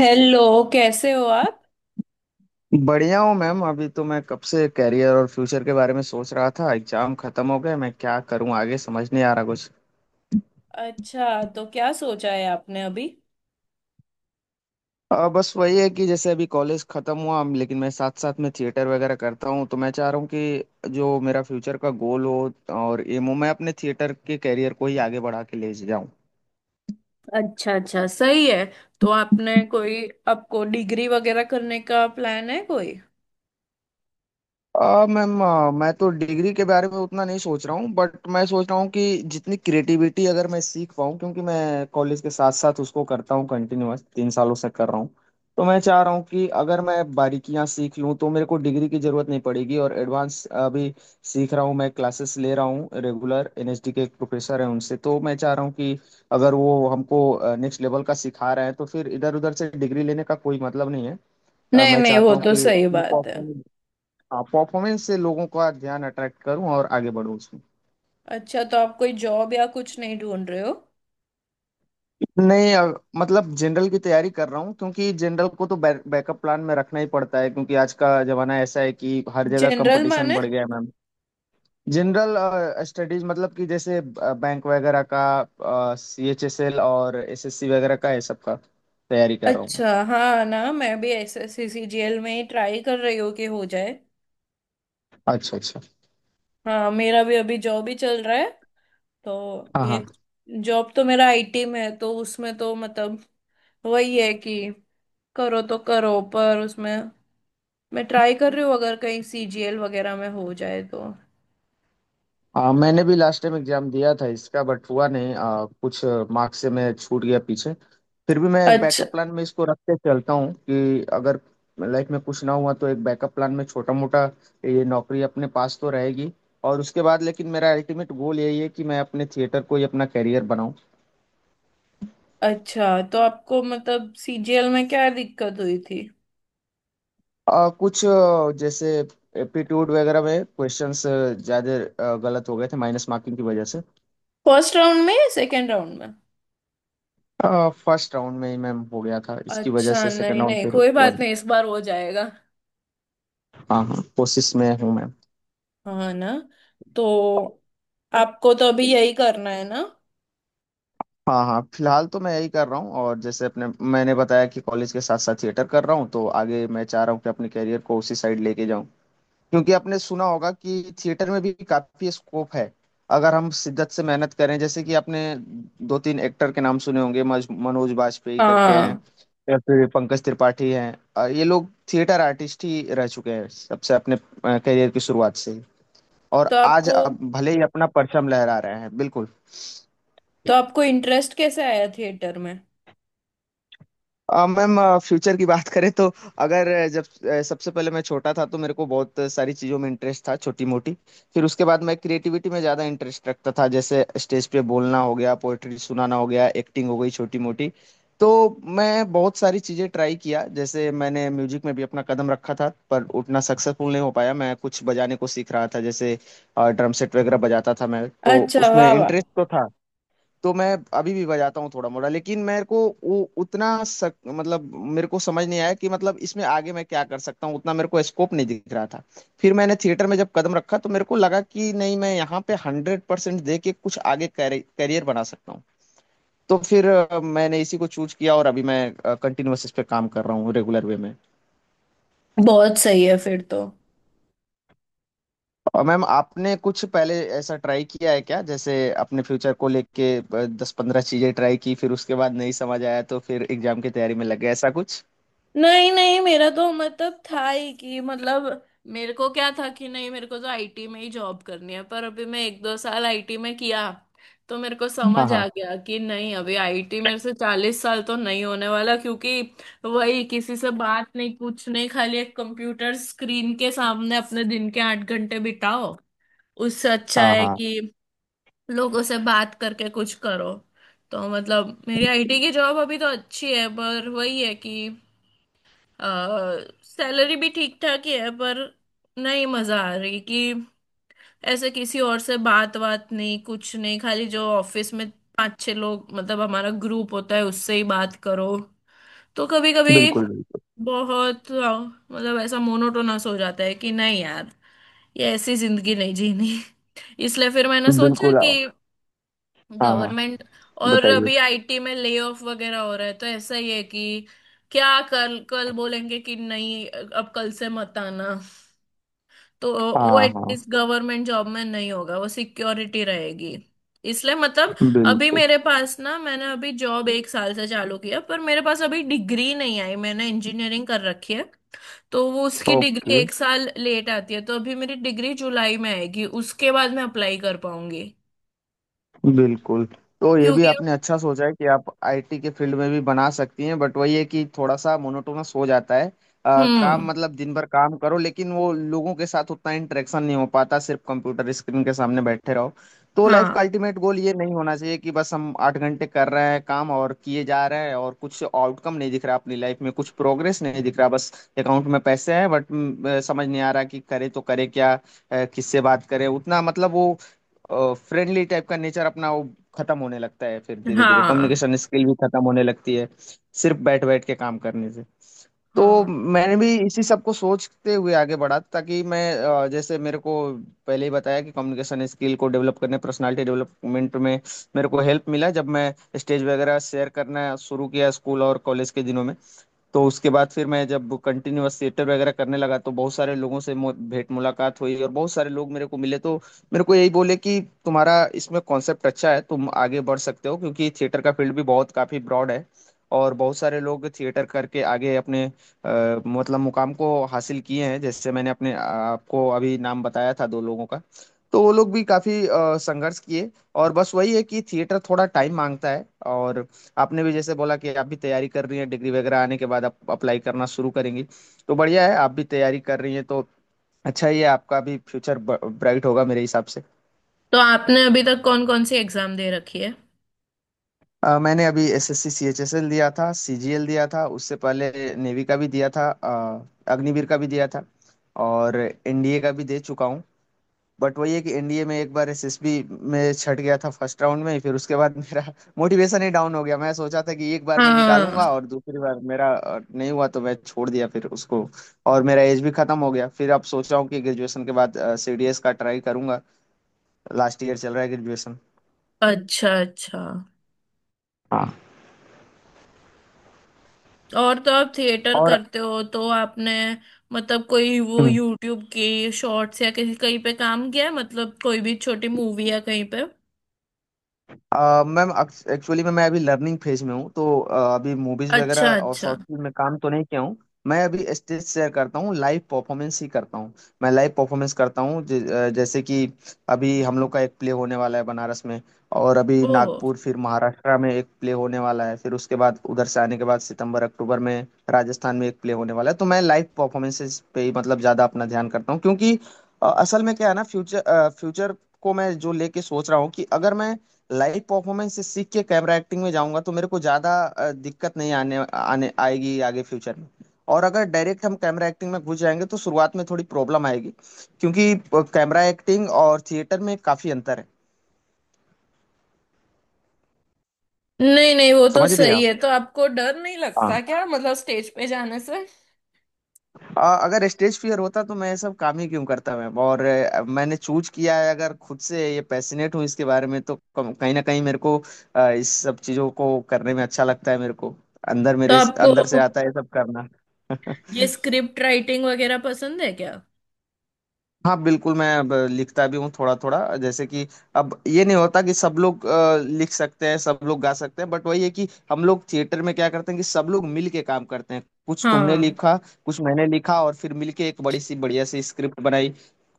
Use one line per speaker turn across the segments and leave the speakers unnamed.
Hello. कैसे हो आप।
बढ़िया हूँ मैम। अभी तो मैं कब से करियर और फ्यूचर के बारे में सोच रहा था। एग्जाम खत्म हो गए, मैं क्या करूँ आगे समझ नहीं आ रहा कुछ।
अच्छा, तो क्या सोचा है आपने अभी।
बस वही है कि जैसे अभी कॉलेज खत्म हुआ लेकिन मैं साथ साथ में थिएटर वगैरह करता हूँ, तो मैं चाह रहा हूँ कि जो मेरा फ्यूचर का गोल हो और एम हो, मैं अपने थिएटर के करियर को ही आगे बढ़ा के ले जाऊँ।
अच्छा अच्छा, सही है। तो आपने कोई आपको डिग्री वगैरह करने का प्लान है कोई।
मैम, मैं तो डिग्री के बारे में उतना नहीं सोच रहा हूँ बट मैं सोच रहा हूँ कि जितनी क्रिएटिविटी अगर मैं सीख पाऊँ, क्योंकि मैं कॉलेज के साथ साथ उसको करता हूँ, कंटिन्यूअस 3 सालों से कर रहा हूँ। तो मैं चाह रहा हूँ कि अगर मैं बारीकियाँ सीख लूँ तो मेरे को डिग्री की जरूरत नहीं पड़ेगी। और एडवांस अभी सीख रहा हूँ, मैं क्लासेस ले रहा हूँ रेगुलर। एनएसडी के एक प्रोफेसर हैं उनसे, तो मैं चाह रहा हूँ कि अगर वो हमको नेक्स्ट लेवल का सिखा रहे हैं तो फिर इधर उधर से डिग्री लेने का कोई मतलब नहीं है।
नहीं
मैं
नहीं,
चाहता
वो
हूँ
तो
कि
सही बात है।
परफॉर्मेंस से लोगों का ध्यान अट्रैक्ट करूं और आगे बढ़ूं उसमें।
अच्छा, तो आप कोई जॉब या कुछ नहीं ढूंढ रहे हो।
नहीं, अब मतलब जनरल की तैयारी कर रहा हूँ, क्योंकि जनरल को तो बैकअप प्लान में रखना ही पड़ता है, क्योंकि आज का जमाना ऐसा है कि हर जगह
जनरल
कंपटीशन
माने।
बढ़ गया है मैम। जनरल स्टडीज, मतलब कि जैसे बैंक वगैरह का, सीएचएसएल और एसएससी वगैरह का है, सबका तैयारी कर रहा हूँ।
अच्छा, हाँ ना, मैं भी एसएससी सीजीएल में ही ट्राई कर रही हूँ कि हो जाए।
अच्छा अच्छा।
हाँ, मेरा भी अभी जॉब ही चल रहा है। तो
हाँ
ये
हाँ।
जॉब तो मेरा आईटी में है, तो उसमें तो मतलब वही है कि करो तो करो, पर उसमें मैं ट्राई कर रही हूँ, अगर कहीं सीजीएल वगैरह में हो जाए तो।
मैंने भी लास्ट टाइम एग्जाम दिया था इसका, बट हुआ नहीं। कुछ मार्क्स से मैं छूट गया पीछे। फिर भी मैं
अच्छा
बैकअप प्लान में इसको रख के चलता हूँ कि अगर लाइफ में कुछ ना हुआ तो एक बैकअप प्लान में छोटा मोटा ये नौकरी अपने पास तो रहेगी। और उसके बाद लेकिन मेरा अल्टीमेट गोल यही है कि मैं अपने थिएटर को ही अपना करियर बनाऊँ।
अच्छा। तो आपको मतलब सीजीएल में क्या दिक्कत हुई थी।
कुछ जैसे एप्टीट्यूड वगैरह में क्वेश्चंस ज़्यादा गलत हो गए थे माइनस मार्किंग की वजह से।
फर्स्ट राउंड में या सेकेंड राउंड में।
फर्स्ट राउंड में ही मैम हो गया था, इसकी वजह
अच्छा,
से सेकंड
नहीं
राउंड
नहीं,
फिर।
कोई बात नहीं, इस बार हो जाएगा।
हाँ हाँ, कोशिश में हूँ मैम।
हाँ ना। तो आपको तो अभी यही करना है ना।
हाँ हाँ, फिलहाल तो मैं यही कर रहा हूँ और जैसे अपने मैंने बताया कि कॉलेज के साथ साथ थिएटर कर रहा हूँ, तो आगे मैं चाह रहा हूँ कि अपने करियर को उसी साइड लेके जाऊँ। क्योंकि आपने सुना होगा कि थिएटर में भी काफी स्कोप है अगर हम शिद्दत से मेहनत करें, जैसे कि आपने 2-3 एक्टर के नाम सुने होंगे, मनोज बाजपेयी करके हैं
हाँ।
या फिर पंकज त्रिपाठी हैं। ये लोग थिएटर आर्टिस्ट ही रह चुके हैं सबसे अपने करियर की शुरुआत से ही। और
तो
आज
आपको
अब भले ही अपना परचम लहरा रहे हैं बिल्कुल।
तो आपको इंटरेस्ट कैसे आया थिएटर में।
मैम, फ्यूचर की बात करें तो अगर जब सबसे पहले मैं छोटा था तो मेरे को बहुत सारी चीज़ों में इंटरेस्ट था छोटी मोटी। फिर उसके बाद मैं क्रिएटिविटी में ज़्यादा इंटरेस्ट रखता था, जैसे स्टेज पे बोलना हो गया, पोएट्री सुनाना हो गया, एक्टिंग हो गई छोटी मोटी। तो मैं बहुत सारी चीज़ें ट्राई किया, जैसे मैंने म्यूजिक में भी अपना कदम रखा था पर उतना सक्सेसफुल नहीं हो पाया मैं। कुछ बजाने को सीख रहा था, जैसे ड्रम सेट वगैरह बजाता था मैं तो।
अच्छा,
उसमें
वाह वाह।
इंटरेस्ट तो था। तो मैं अभी भी बजाता हूँ थोड़ा मोड़ा, लेकिन मेरे को वो उतना मतलब मेरे को समझ नहीं आया कि मतलब इसमें आगे मैं क्या कर सकता हूँ, उतना मेरे को स्कोप नहीं दिख रहा था। फिर मैंने थिएटर में जब कदम रखा तो मेरे को लगा कि नहीं, मैं यहाँ पे 100% दे के कुछ आगे करियर बना सकता हूँ। तो फिर मैंने इसी को चूज किया और अभी मैं कंटिन्यूअस इस पे काम कर रहा हूँ रेगुलर वे में।
बहुत सही है फिर तो।
और मैम आपने कुछ पहले ऐसा ट्राई किया है क्या, जैसे अपने फ्यूचर को लेके 10-15 चीजें ट्राई की फिर उसके बाद नहीं समझ आया तो फिर एग्जाम की तैयारी में लग गए, ऐसा कुछ?
नहीं नहीं, मेरा तो मतलब था ही कि मतलब मेरे को क्या था कि नहीं, मेरे को तो आईटी में ही जॉब करनी है, पर अभी मैं एक दो साल आईटी में किया। तो मेरे को
हाँ
समझ
हाँ।
आ गया कि नहीं, अभी आईटी मेरे से 40 साल तो नहीं होने वाला, क्योंकि वही, किसी से बात नहीं कुछ नहीं, खाली एक कंप्यूटर स्क्रीन के सामने अपने दिन के 8 घंटे बिताओ। उससे अच्छा
हाँ
है
हाँ।
कि लोगों से बात करके कुछ करो। तो मतलब मेरी आईटी की जॉब अभी तो अच्छी है, पर वही है कि सैलरी भी ठीक ठाक ही है, पर नहीं मजा आ रही कि ऐसे किसी और से बात बात नहीं कुछ नहीं, खाली जो ऑफिस में 5-6 लोग, मतलब हमारा ग्रुप होता है, उससे ही बात करो। तो कभी कभी
बिल्कुल बिल्कुल
बहुत मतलब ऐसा मोनोटोनस हो जाता है कि नहीं यार, ये ऐसी जिंदगी नहीं जीनी। इसलिए फिर मैंने सोचा
बिल्कुल।
कि
हाँ हाँ,
गवर्नमेंट, और
बताइए।
अभी आईटी में ले ऑफ वगैरह हो रहा है, तो ऐसा ही है कि क्या कल कल बोलेंगे कि नहीं, अब कल से मत आना। तो वो
हाँ हाँ
एटलीस्ट गवर्नमेंट जॉब में नहीं होगा, वो सिक्योरिटी रहेगी। इसलिए मतलब अभी
बिल्कुल।
मेरे पास ना, मैंने अभी जॉब एक साल से चालू किया, पर मेरे पास अभी डिग्री नहीं आई, मैंने इंजीनियरिंग कर रखी है। तो वो उसकी डिग्री
ओके।
एक साल लेट आती है, तो अभी मेरी डिग्री जुलाई में आएगी, उसके बाद मैं अप्लाई कर पाऊंगी
बिल्कुल। तो ये भी
क्योंकि।
आपने अच्छा सोचा है कि आप आईटी के फील्ड में भी बना सकती हैं, बट वही है कि थोड़ा सा मोनोटोनस हो जाता है। काम
हम्म।
मतलब दिन भर काम करो, लेकिन वो लोगों के साथ उतना इंटरेक्शन नहीं हो पाता, सिर्फ कंप्यूटर स्क्रीन के सामने बैठे रहो। तो लाइफ
हाँ
का अल्टीमेट गोल ये नहीं होना चाहिए कि बस हम 8 घंटे कर रहे हैं काम और किए जा रहे हैं, और कुछ आउटकम नहीं दिख रहा, अपनी लाइफ में कुछ प्रोग्रेस नहीं दिख रहा, बस अकाउंट में पैसे हैं बट समझ नहीं आ रहा कि करें तो करें क्या। किससे बात करें उतना, मतलब वो फ्रेंडली टाइप का नेचर अपना वो खत्म होने लगता है, फिर धीरे धीरे
हाँ।
कम्युनिकेशन स्किल भी खत्म होने लगती है सिर्फ बैठ बैठ के काम करने से। तो
हाँ,
मैंने भी इसी सब को सोचते हुए आगे बढ़ा ताकि मैं जैसे मेरे को पहले ही बताया कि कम्युनिकेशन स्किल को डेवलप करने, पर्सनालिटी डेवलपमेंट में मेरे को हेल्प मिला जब मैं स्टेज वगैरह शेयर करना शुरू किया स्कूल और कॉलेज के दिनों में। तो उसके बाद फिर मैं जब कंटिन्यूअस थिएटर वगैरह करने लगा तो बहुत सारे लोगों से भेंट मुलाकात हुई और बहुत सारे लोग मेरे को मिले, तो मेरे को यही बोले कि तुम्हारा इसमें कॉन्सेप्ट अच्छा है, तुम आगे बढ़ सकते हो, क्योंकि थिएटर का फील्ड भी बहुत काफी ब्रॉड है। और बहुत सारे लोग थिएटर करके आगे अपने मतलब मुकाम को हासिल किए हैं, जैसे मैंने अपने आपको अभी नाम बताया था 2 लोगों का। तो वो लोग भी काफी संघर्ष किए। और बस वही है कि थिएटर थोड़ा टाइम मांगता है। और आपने भी जैसे बोला कि आप भी तैयारी कर रही हैं, डिग्री वगैरह आने के बाद आप अप्लाई करना शुरू करेंगी, तो बढ़िया है, आप भी तैयारी कर रही हैं तो अच्छा ही है, आपका भी फ्यूचर ब्राइट होगा मेरे हिसाब से।
तो आपने अभी तक कौन कौन सी एग्जाम दे रखी है।
मैंने अभी एसएससी सीएचएसएल दिया था, सीजीएल दिया था उससे पहले, नेवी का भी दिया था, अग्निवीर का भी दिया था, और एनडीए का भी दे चुका हूँ। बट वही है कि एनडीए में 1 बार एसएसबी में छट गया था फर्स्ट राउंड में ही, फिर उसके बाद मेरा मोटिवेशन ही डाउन हो गया। मैं सोचा था कि 1 बार मैं निकालूंगा,
हाँ।
और दूसरी बार मेरा नहीं हुआ तो मैं छोड़ दिया फिर उसको। और मेरा एज भी खत्म हो गया फिर, अब सोचा हूँ कि ग्रेजुएशन के बाद सीडीएस का ट्राई करूंगा। लास्ट ईयर चल रहा है ग्रेजुएशन।
अच्छा अच्छा।
हाँ।
और तो आप थिएटर
और।
करते हो तो आपने मतलब कोई वो
हम्म।
यूट्यूब की शॉर्ट्स या किसी कहीं पे काम किया है, मतलब कोई भी छोटी मूवी या कहीं पे।
मैम, एक्चुअली में मैं अभी लर्निंग फेज में हूँ, तो अभी मूवीज
अच्छा
वगैरह और
अच्छा।
शॉर्ट फिल्म में काम तो नहीं किया हूँ। मैं अभी स्टेज शेयर करता हूँ, लाइव परफॉर्मेंस ही करता हूँ। मैं लाइव परफॉर्मेंस करता हूँ जैसे कि अभी हम लोग का 1 प्ले होने वाला है बनारस में। और अभी
ओह।
नागपुर, फिर महाराष्ट्र में 1 प्ले होने वाला है। फिर उसके बाद उधर से आने के बाद सितंबर अक्टूबर में राजस्थान में 1 प्ले होने वाला है। तो मैं लाइव परफॉर्मेंसेस पे ही मतलब ज़्यादा अपना ध्यान करता हूँ, क्योंकि असल में क्या है ना, फ्यूचर फ्यूचर को मैं जो लेके सोच रहा हूँ कि अगर मैं लाइव परफॉर्मेंस से सीख के कैमरा एक्टिंग में जाऊंगा तो मेरे को ज्यादा दिक्कत नहीं आने आने आएगी आगे फ्यूचर में। और अगर डायरेक्ट हम कैमरा एक्टिंग में घुस जाएंगे तो शुरुआत में थोड़ी प्रॉब्लम आएगी, क्योंकि कैमरा एक्टिंग और थिएटर में काफी अंतर है।
नहीं नहीं, वो तो
समझ रही हैं
सही
आप?
है। तो आपको डर नहीं
हाँ।
लगता क्या मतलब स्टेज पे जाने से।
अगर स्टेज फियर होता तो मैं ये सब काम ही क्यों करता मैं? और मैंने चूज किया है, अगर खुद से ये पैसिनेट हूँ इसके बारे में, तो कहीं ना कहीं मेरे को इस सब चीजों को करने में अच्छा लगता है मेरे को, अंदर
तो
मेरे
आपको
अंदर से आता है ये सब करना।
ये स्क्रिप्ट राइटिंग वगैरह पसंद है क्या।
हाँ बिल्कुल, मैं अब लिखता भी हूँ थोड़ा थोड़ा, जैसे कि अब ये नहीं होता कि सब लोग लिख सकते हैं, सब लोग गा सकते हैं, बट वही है कि हम लोग थिएटर में क्या करते हैं कि सब लोग मिल के काम करते हैं। कुछ तुमने
हाँ।
लिखा, कुछ मैंने लिखा, और फिर मिल के एक बड़ी सी बढ़िया सी स्क्रिप्ट बनाई।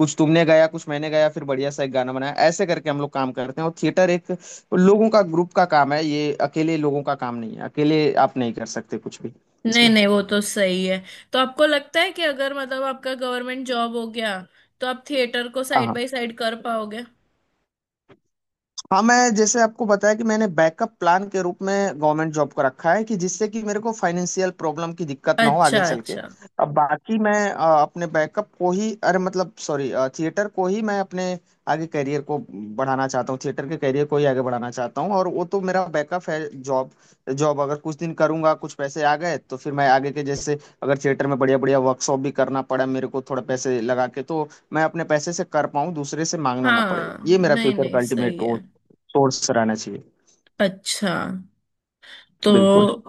कुछ तुमने गाया, कुछ मैंने गाया, फिर बढ़िया सा एक गाना बनाया। ऐसे करके हम लोग काम करते हैं। और थिएटर एक लोगों का ग्रुप का काम है, ये अकेले लोगों का काम नहीं है, अकेले आप नहीं कर सकते कुछ भी
नहीं
इसमें।
नहीं, वो तो सही है। तो आपको लगता है कि अगर मतलब आपका गवर्नमेंट जॉब हो गया तो आप थिएटर को साइड
हाँ
बाय साइड कर पाओगे।
हाँ। मैं जैसे आपको बताया कि मैंने बैकअप प्लान के रूप में गवर्नमेंट जॉब को रखा है कि जिससे कि मेरे को फाइनेंशियल प्रॉब्लम की दिक्कत ना हो आगे
अच्छा
चल के।
अच्छा।
अब बाकी मैं अपने बैकअप को ही, अरे मतलब सॉरी, थिएटर को ही मैं अपने आगे करियर को बढ़ाना चाहता हूँ, थिएटर के करियर को ही आगे बढ़ाना चाहता हूँ। और वो तो मेरा बैकअप है, जॉब। जॉब अगर कुछ दिन करूंगा, कुछ पैसे आ गए, तो फिर मैं आगे के, जैसे अगर थिएटर में बढ़िया बढ़िया वर्कशॉप भी करना पड़ा मेरे को थोड़ा पैसे लगा के, तो मैं अपने पैसे से कर पाऊँ, दूसरे से मांगना ना पड़े,
हाँ,
ये मेरा
नहीं
फ्यूचर का
नहीं सही
अल्टीमेट
है।
सोर्स रहना चाहिए।
अच्छा,
बिल्कुल।
तो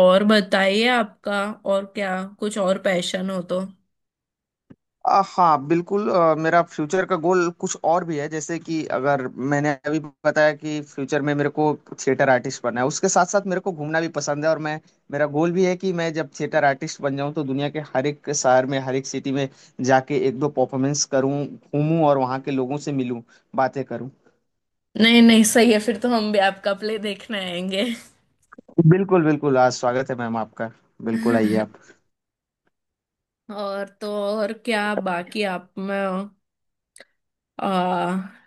और बताइए आपका, और क्या, कुछ और पैशन हो तो।
हाँ बिल्कुल। मेरा फ्यूचर का गोल कुछ और भी है, जैसे कि अगर मैंने अभी बताया कि फ्यूचर में मेरे को थिएटर आर्टिस्ट बनना है, उसके साथ साथ मेरे को घूमना भी पसंद है। और मैं, मेरा गोल भी है कि मैं जब थिएटर आर्टिस्ट बन जाऊं तो दुनिया के हर 1 शहर में हर 1 सिटी में जाके 1-2 परफॉर्मेंस करूं, घूमूं और वहाँ के लोगों से मिलूं, बातें करूं।
नहीं नहीं, सही है, फिर तो हम भी आपका प्ले देखने आएंगे।
बिल्कुल बिल्कुल, आज स्वागत है मैम आपका, बिल्कुल आइए आप।
और तो और क्या बाकी, आप में आ,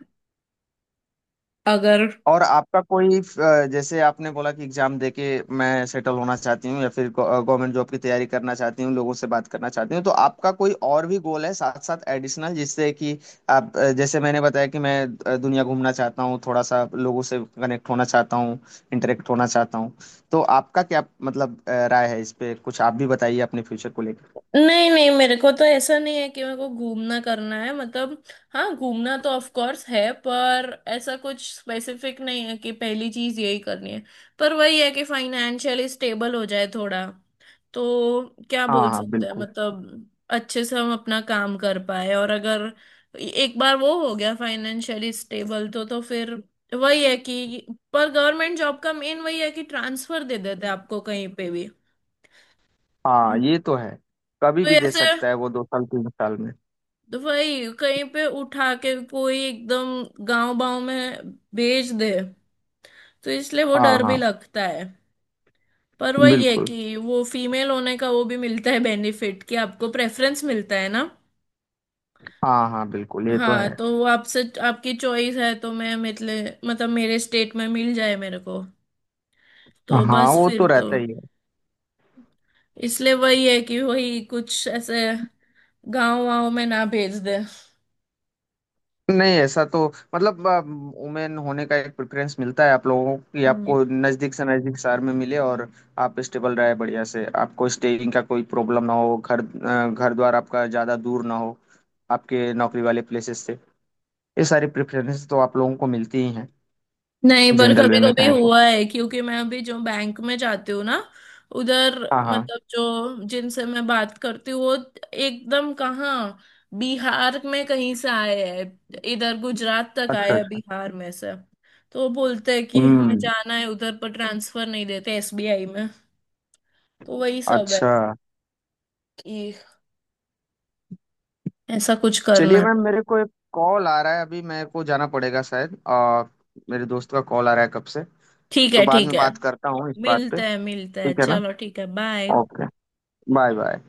अगर,
और आपका कोई जैसे आपने बोला कि एग्जाम देके मैं सेटल होना चाहती हूँ, या फिर गवर्नमेंट जॉब की तैयारी करना चाहती हूँ, लोगों से बात करना चाहती हूँ, तो आपका कोई और भी गोल है साथ साथ एडिशनल, जिससे कि आप जैसे मैंने बताया कि मैं दुनिया घूमना चाहता हूँ, थोड़ा सा लोगों से कनेक्ट होना चाहता हूँ, इंटरेक्ट होना चाहता हूँ। तो आपका क्या मतलब राय है इस पे? कुछ आप भी बताइए अपने फ्यूचर को लेकर।
नहीं नहीं, मेरे को तो ऐसा नहीं है कि मेरे को घूमना करना है मतलब। हाँ, घूमना तो ऑफ कोर्स है, पर ऐसा कुछ स्पेसिफिक नहीं है कि पहली चीज यही करनी है। पर वही है कि फाइनेंशियली स्टेबल हो जाए थोड़ा। तो क्या
हाँ
बोल
हाँ
सकते हैं
बिल्कुल।
मतलब अच्छे से हम अपना काम कर पाए, और अगर एक बार वो हो गया फाइनेंशियली स्टेबल तो फिर वही है कि पर गवर्नमेंट जॉब का मेन वही है कि ट्रांसफर दे देते हैं आपको कहीं पे भी।
हाँ
तो
ये तो है, कभी भी दे
ऐसे
सकता है वो 2 साल 3 साल में।
तो वही कहीं पे उठा के कोई एकदम गांव बाव में भेज दे। तो इसलिए वो
हाँ
डर
हाँ
भी लगता है। पर वही है
बिल्कुल।
कि वो फीमेल होने का वो भी मिलता है बेनिफिट, कि आपको प्रेफरेंस मिलता है ना।
हाँ हाँ बिल्कुल, ये तो
हाँ,
है।
तो वो आपसे आपकी चॉइस है, तो मैं मतलब मेरे स्टेट में मिल जाए मेरे को। तो
हाँ
बस
वो
फिर
तो
तो
रहता ही है।
इसलिए वही है कि वही कुछ ऐसे गांव वाव में ना भेज दे।
नहीं ऐसा तो, मतलब वुमेन होने का 1 प्रेफरेंस मिलता है आप लोगों को कि
हम्म।
आपको नजदीक से नजदीक शहर में मिले, और आप स्टेबल रहे बढ़िया से, आपको स्टेइंग का कोई प्रॉब्लम ना हो, घर घर द्वार आपका ज्यादा दूर ना हो आपके नौकरी वाले प्लेसेस से। ये सारी प्रेफरेंस तो आप लोगों को मिलती ही हैं
नहीं, पर
जनरल वे
कभी
में
कभी
कहें तो।
हुआ है, क्योंकि मैं अभी जो बैंक में जाती हूँ ना, उधर
हाँ हाँ।
मतलब जो जिनसे मैं बात करती हूँ, वो एकदम कहाँ, बिहार में कहीं से आए हैं इधर, गुजरात तक आए
अच्छा
हैं
अच्छा।
बिहार में से। तो वो बोलते हैं कि हमें
हम्म।
जाना है उधर, पर ट्रांसफर नहीं देते एसबीआई में। तो वही सब है
अच्छा।
कि ऐसा कुछ करना
चलिए मैम,
है।
मेरे को 1 कॉल आ रहा है, अभी मेरे को जाना पड़ेगा शायद। मेरे दोस्त का कॉल आ रहा है कब से।
ठीक
तो
है
बाद
ठीक
में
है,
बात करता हूँ इस बात पे।
मिलते हैं मिलते हैं,
ठीक है ना?
चलो ठीक है, बाय।
ओके। Bye bye.